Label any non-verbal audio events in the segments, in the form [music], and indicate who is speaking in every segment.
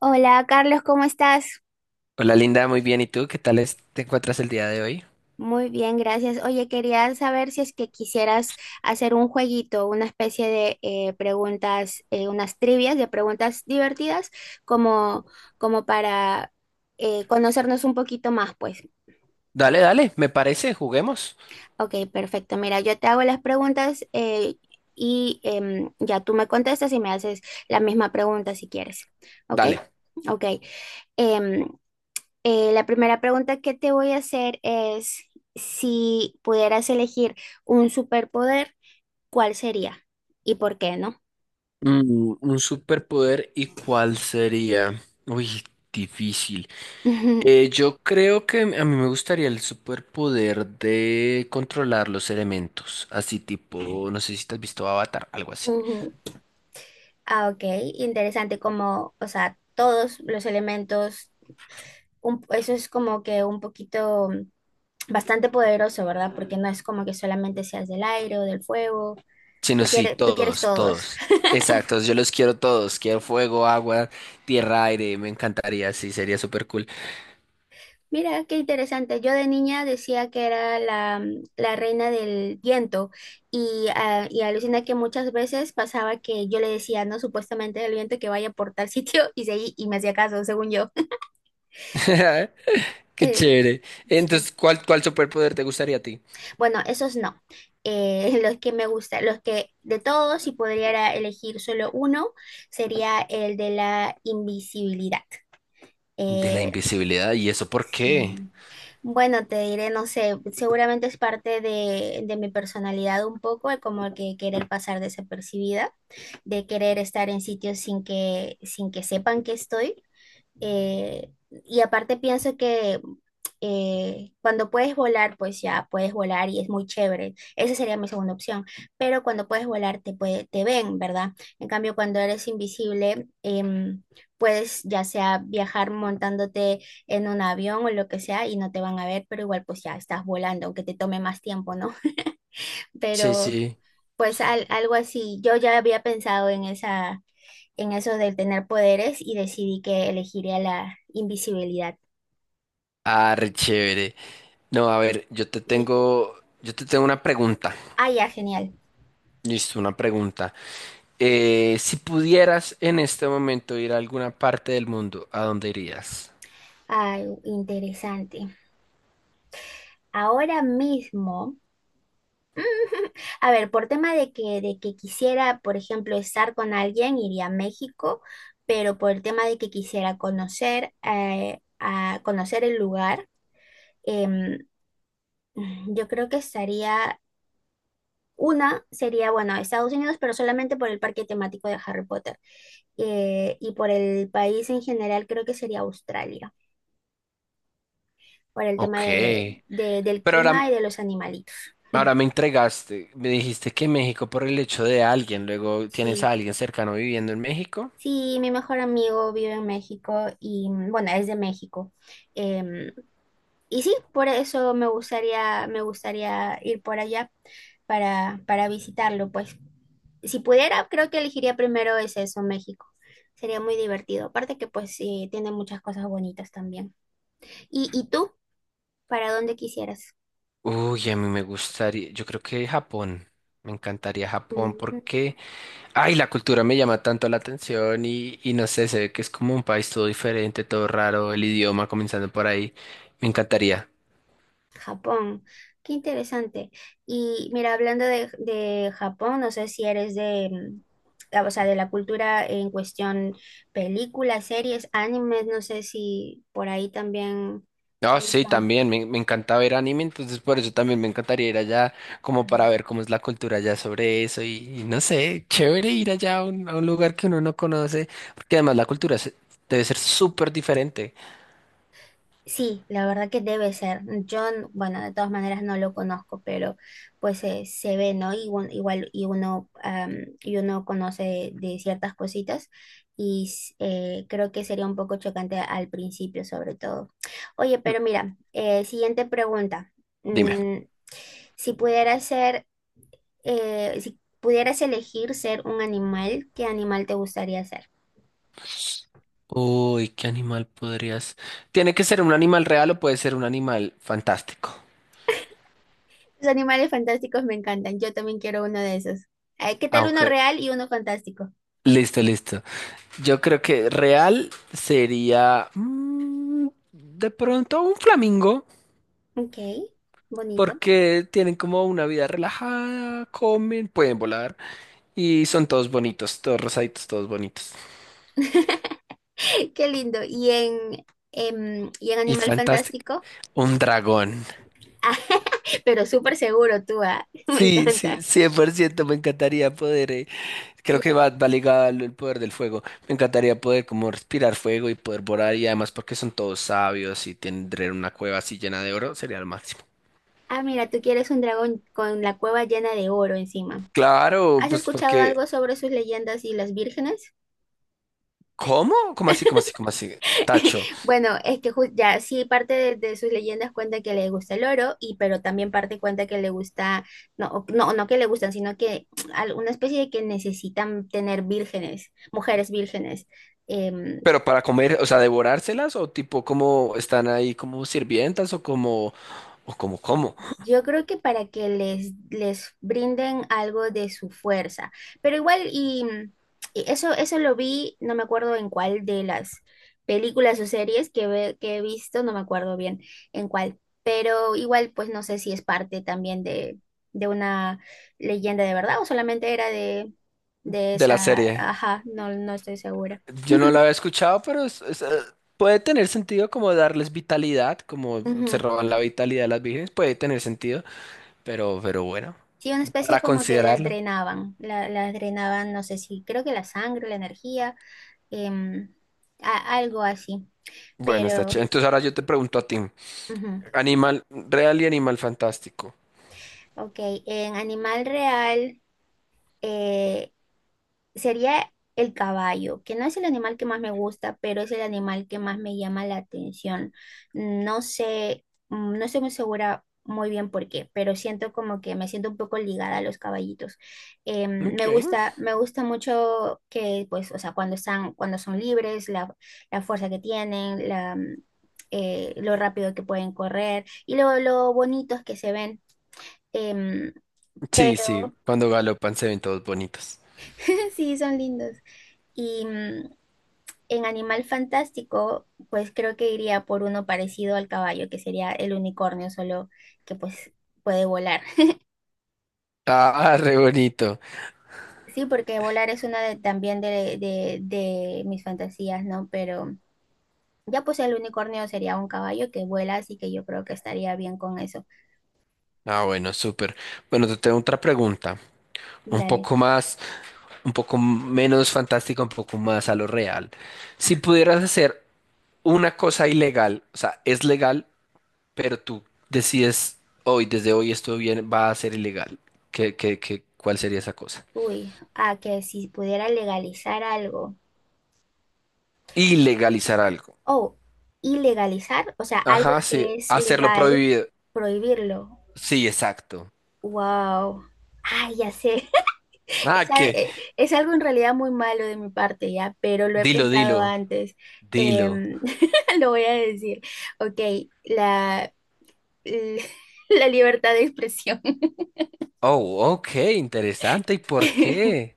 Speaker 1: Hola, Carlos, ¿cómo estás?
Speaker 2: Hola Linda, muy bien. ¿Y tú qué tal te encuentras el día de hoy?
Speaker 1: Muy bien, gracias. Oye, quería saber si es que quisieras hacer un jueguito, una especie de preguntas, unas trivias de preguntas divertidas, como, como para conocernos un poquito más, pues.
Speaker 2: Dale, dale, me parece, juguemos.
Speaker 1: Ok, perfecto. Mira, yo te hago las preguntas y ya tú me contestas y me haces la misma pregunta si quieres. Ok,
Speaker 2: Dale.
Speaker 1: ok. Em, la primera pregunta que te voy a hacer es si pudieras elegir un superpoder, ¿cuál sería? ¿Y por qué no?
Speaker 2: Mm, un superpoder, ¿y cuál sería? Uy, difícil.
Speaker 1: [laughs]
Speaker 2: Yo creo que a mí me gustaría el superpoder de controlar los elementos, así tipo, no sé si te has visto Avatar, algo así.
Speaker 1: Ujú. Ah, ok, interesante como, o sea, todos los elementos, eso es como que un poquito bastante poderoso, ¿verdad? Porque no es como que solamente seas del aire o del fuego, tú
Speaker 2: Sino sí,
Speaker 1: quieres, tú quieres
Speaker 2: todos,
Speaker 1: todos.
Speaker 2: todos. Exacto, yo los quiero todos, quiero fuego, agua, tierra, aire, me encantaría, sí, sería super cool.
Speaker 1: Mira, qué interesante. Yo de niña decía que era la reina del viento y, ah, y alucina que muchas veces pasaba que yo le decía, no, supuestamente el viento que vaya por tal sitio [laughs] y me hacía caso, según yo. [laughs]
Speaker 2: [laughs] Qué
Speaker 1: Eh,
Speaker 2: chévere.
Speaker 1: sí.
Speaker 2: Entonces, ¿cuál superpoder te gustaría a ti?
Speaker 1: Bueno, esos no. Los que me gustan, los que de todos, si pudiera elegir solo uno, sería el de la invisibilidad.
Speaker 2: De la
Speaker 1: Eh,
Speaker 2: invisibilidad, ¿y eso por qué?
Speaker 1: sí. Bueno, te diré, no sé, seguramente es parte de mi personalidad un poco, el como que querer pasar desapercibida, de querer estar en sitios sin que sepan que estoy. Y aparte pienso que cuando puedes volar, pues ya puedes volar y es muy chévere. Esa sería mi segunda opción. Pero cuando puedes volar, te ven, ¿verdad? En cambio, cuando eres invisible, puedes ya sea viajar montándote en un avión o lo que sea y no te van a ver, pero igual pues ya estás volando, aunque te tome más tiempo, ¿no? [laughs]
Speaker 2: Sí,
Speaker 1: Pero
Speaker 2: sí.
Speaker 1: pues algo así. Yo ya había pensado en esa en eso del tener poderes y decidí que elegiría la invisibilidad.
Speaker 2: Ah, re chévere. No, a ver,
Speaker 1: Y,
Speaker 2: yo te tengo una pregunta.
Speaker 1: ah, ya, genial.
Speaker 2: Listo, una pregunta. Si pudieras en este momento ir a alguna parte del mundo, ¿a dónde irías?
Speaker 1: Ay, interesante. Ahora mismo, [laughs] a ver, por tema de que quisiera, por ejemplo, estar con alguien, iría a México, pero por el tema de que quisiera conocer, a conocer el lugar, em, yo creo que estaría una sería, bueno, Estados Unidos, pero solamente por el parque temático de Harry Potter. Y por el país en general creo que sería Australia, por el tema
Speaker 2: Ok.
Speaker 1: del
Speaker 2: Pero
Speaker 1: clima
Speaker 2: ahora,
Speaker 1: y de los animalitos. [laughs]
Speaker 2: ahora me entregaste, me dijiste que México por el hecho de alguien, luego tienes
Speaker 1: Sí,
Speaker 2: a alguien cercano viviendo en México.
Speaker 1: sí, mi mejor amigo vive en México y bueno, es de México. em, Y sí, por eso me gustaría ir por allá para visitarlo, pues. Si pudiera, creo que elegiría primero es eso, México. Sería muy divertido. Aparte que pues sí, tiene muchas cosas bonitas también. Y tú? ¿Para dónde quisieras?
Speaker 2: Uy, a mí me gustaría, yo creo que Japón, me encantaría Japón
Speaker 1: Mm.
Speaker 2: porque, ay, la cultura me llama tanto la atención y no sé, se ve que es como un país todo diferente, todo raro, el idioma comenzando por ahí, me encantaría.
Speaker 1: Japón, qué interesante. Y mira, hablando de Japón, no sé si eres o sea, de la cultura en cuestión, películas, series, animes, no sé si por ahí también te
Speaker 2: Ah, sí,
Speaker 1: gustan.
Speaker 2: también, me encanta ver anime, entonces por eso también me encantaría ir allá como para ver cómo es la cultura allá sobre eso y no sé, chévere ir allá a a un lugar que uno no conoce, porque además la cultura debe ser súper diferente.
Speaker 1: Sí, la verdad que debe ser. Bueno, de todas maneras no lo conozco, pero pues se ve, ¿no? Igual, y uno, y uno conoce de ciertas cositas creo que sería un poco chocante al principio, sobre todo. Oye,
Speaker 2: Mm,
Speaker 1: pero mira, siguiente pregunta.
Speaker 2: dime.
Speaker 1: Mm, si pudieras ser, si pudieras elegir ser un animal, ¿qué animal te gustaría ser?
Speaker 2: Uy, ¿qué animal podrías? ¿Tiene que ser un animal real o puede ser un animal fantástico?
Speaker 1: Los animales fantásticos me encantan. Yo también quiero uno de esos. Ay, ¿qué tal
Speaker 2: Ah,
Speaker 1: uno
Speaker 2: ok.
Speaker 1: real y uno fantástico?
Speaker 2: Listo, listo. Yo creo que real sería mm, de pronto un flamingo,
Speaker 1: Ok, bonito.
Speaker 2: porque tienen como una vida relajada, comen, pueden volar y son todos bonitos, todos rosaditos, todos bonitos.
Speaker 1: [laughs] Qué lindo. Y en
Speaker 2: Y
Speaker 1: animal
Speaker 2: fantástico.
Speaker 1: fantástico,
Speaker 2: Un dragón.
Speaker 1: [laughs] Ah, pero súper seguro tú, ah. [laughs] Me
Speaker 2: Sí, sí,
Speaker 1: encanta.
Speaker 2: 100% me encantaría poder creo que
Speaker 1: Y-
Speaker 2: va ligado al poder del fuego. Me encantaría poder como respirar fuego y poder volar y además porque son todos sabios y tendré una cueva así llena de oro, sería lo máximo.
Speaker 1: Ah, mira, tú quieres un dragón con la cueva llena de oro encima.
Speaker 2: Claro,
Speaker 1: ¿Has
Speaker 2: pues
Speaker 1: escuchado
Speaker 2: porque
Speaker 1: algo sobre sus leyendas y las vírgenes?
Speaker 2: ¿cómo? ¿Cómo así? Tacho.
Speaker 1: [laughs] Bueno, ya sí, parte de sus leyendas cuenta que le gusta el oro, y pero también parte cuenta que le gusta, no que le gustan, sino que [tsk] una especie de que necesitan tener vírgenes, mujeres vírgenes. em,
Speaker 2: Pero para comer, o sea, devorárselas o tipo como están ahí como sirvientas o como cómo
Speaker 1: Yo creo que para que les brinden algo de su fuerza. Pero igual, y eso lo vi, no me acuerdo en cuál de las películas o series que he visto, no me acuerdo bien en cuál. Pero igual, pues no sé si es parte también de una leyenda de verdad o solamente era de
Speaker 2: de la
Speaker 1: esa.
Speaker 2: serie.
Speaker 1: Ajá, no, no estoy segura.
Speaker 2: Yo no la
Speaker 1: [laughs]
Speaker 2: había escuchado, pero puede tener sentido como darles vitalidad, como se
Speaker 1: Ujú.
Speaker 2: roban la vitalidad de las vírgenes, puede tener sentido, pero bueno.
Speaker 1: Sí, una especie
Speaker 2: Para
Speaker 1: como que las
Speaker 2: considerarlo.
Speaker 1: drenaban, las drenaban, no sé si, creo que la sangre, la energía em, algo así,
Speaker 2: Bueno, está chévere.
Speaker 1: pero,
Speaker 2: Entonces ahora yo te pregunto a ti.
Speaker 1: ujú,
Speaker 2: Animal real y animal fantástico.
Speaker 1: ok, en animal real, eh, sería el caballo, que no es el animal que más me gusta, pero es el animal que más me llama la atención. No sé, mm, no estoy muy segura muy bien por qué, pero siento como que me siento un poco ligada a los caballitos.
Speaker 2: Ok.
Speaker 1: Me gusta mucho que, pues, o sea, cuando son libres, la fuerza que tienen, lo rápido que pueden correr y lo bonitos que se ven. Em,
Speaker 2: Sí, sí,
Speaker 1: pero
Speaker 2: cuando galopan se ven todos bonitos.
Speaker 1: Sí, son lindos. Y mm, en Animal Fantástico, pues creo que iría por uno parecido al caballo, que sería el unicornio, solo que pues puede volar.
Speaker 2: Ah, [laughs] re bonito.
Speaker 1: Sí, porque volar es una de, también de mis fantasías, ¿no? Pero ya pues el unicornio sería un caballo que vuela, así que yo creo que estaría bien con eso.
Speaker 2: Ah, bueno, súper. Bueno, te tengo otra pregunta. Un
Speaker 1: Dale.
Speaker 2: poco más, un poco menos fantástica, un poco más a lo real.
Speaker 1: Ah,
Speaker 2: Si pudieras hacer una cosa ilegal, o sea, es legal, pero tú decides hoy, desde hoy esto bien va a ser ilegal. ¿Cuál sería esa cosa?
Speaker 1: uy, ah, que si pudiera legalizar algo.
Speaker 2: Ilegalizar algo.
Speaker 1: Oh, ilegalizar, o sea, algo
Speaker 2: Ajá, sí.
Speaker 1: que es
Speaker 2: Hacerlo
Speaker 1: legal,
Speaker 2: prohibido.
Speaker 1: prohibirlo.
Speaker 2: Sí, exacto.
Speaker 1: Wow. Ay, ya sé. [laughs]
Speaker 2: Ah,
Speaker 1: Es,
Speaker 2: que.
Speaker 1: es algo en realidad muy malo de mi parte, ya, pero lo he
Speaker 2: Dilo, dilo,
Speaker 1: pensado antes.
Speaker 2: dilo.
Speaker 1: Em, [laughs] lo voy a decir. Ok, la, l- [laughs] la libertad de expresión.
Speaker 2: Oh, ok, interesante. ¿Y por
Speaker 1: [laughs]
Speaker 2: qué?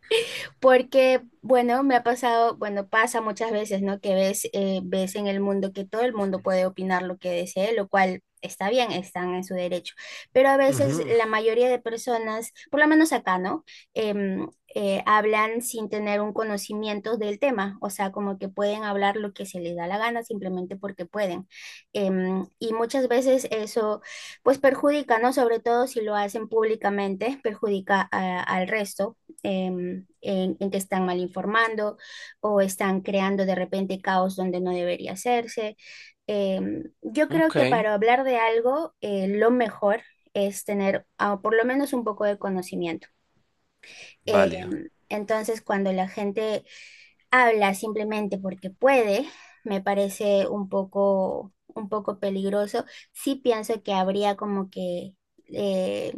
Speaker 1: Porque, bueno, me ha pasado, bueno, pasa muchas veces, ¿no? Que ves, ves en el mundo que todo el mundo puede opinar lo que desee, lo cual está bien, están en su derecho. Pero a veces
Speaker 2: Ujú,
Speaker 1: la mayoría de personas, por lo menos acá, ¿no? Em, hablan sin tener un conocimiento del tema, o sea, como que pueden hablar lo que se les da la gana simplemente porque pueden. Em, y muchas veces eso, pues perjudica, ¿no? Sobre todo si lo hacen públicamente, perjudica al resto eh, en, en, que están mal informando o están creando de repente caos donde no debería hacerse. Eh, yo creo
Speaker 2: ok,
Speaker 1: que para hablar de algo, lo mejor es tener ah, por lo menos un poco de conocimiento. Eh,
Speaker 2: válido.
Speaker 1: entonces, cuando la gente habla simplemente porque puede, me parece un poco peligroso. Sí pienso que habría como que eh,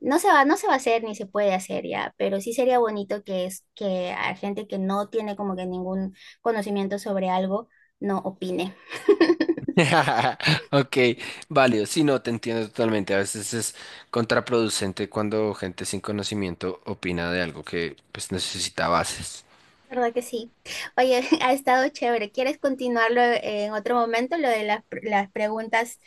Speaker 1: no se va a hacer ni se puede hacer ya, pero sí sería bonito que es que a gente que no tiene como que ningún conocimiento sobre algo no opine.
Speaker 2: [laughs] Ok, válido. Sí, no, te entiendo totalmente. A veces es contraproducente cuando gente sin conocimiento opina de algo que pues necesita bases.
Speaker 1: ¿Verdad que sí? Oye, [laughs] ha estado chévere. ¿Quieres continuarlo en otro momento, lo las preguntas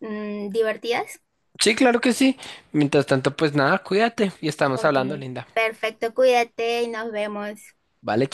Speaker 1: mm, divertidas?
Speaker 2: Sí, claro que sí. Mientras tanto, pues nada, cuídate y estamos
Speaker 1: Ok,
Speaker 2: hablando, linda.
Speaker 1: perfecto. Cuídate y nos vemos.
Speaker 2: Vale.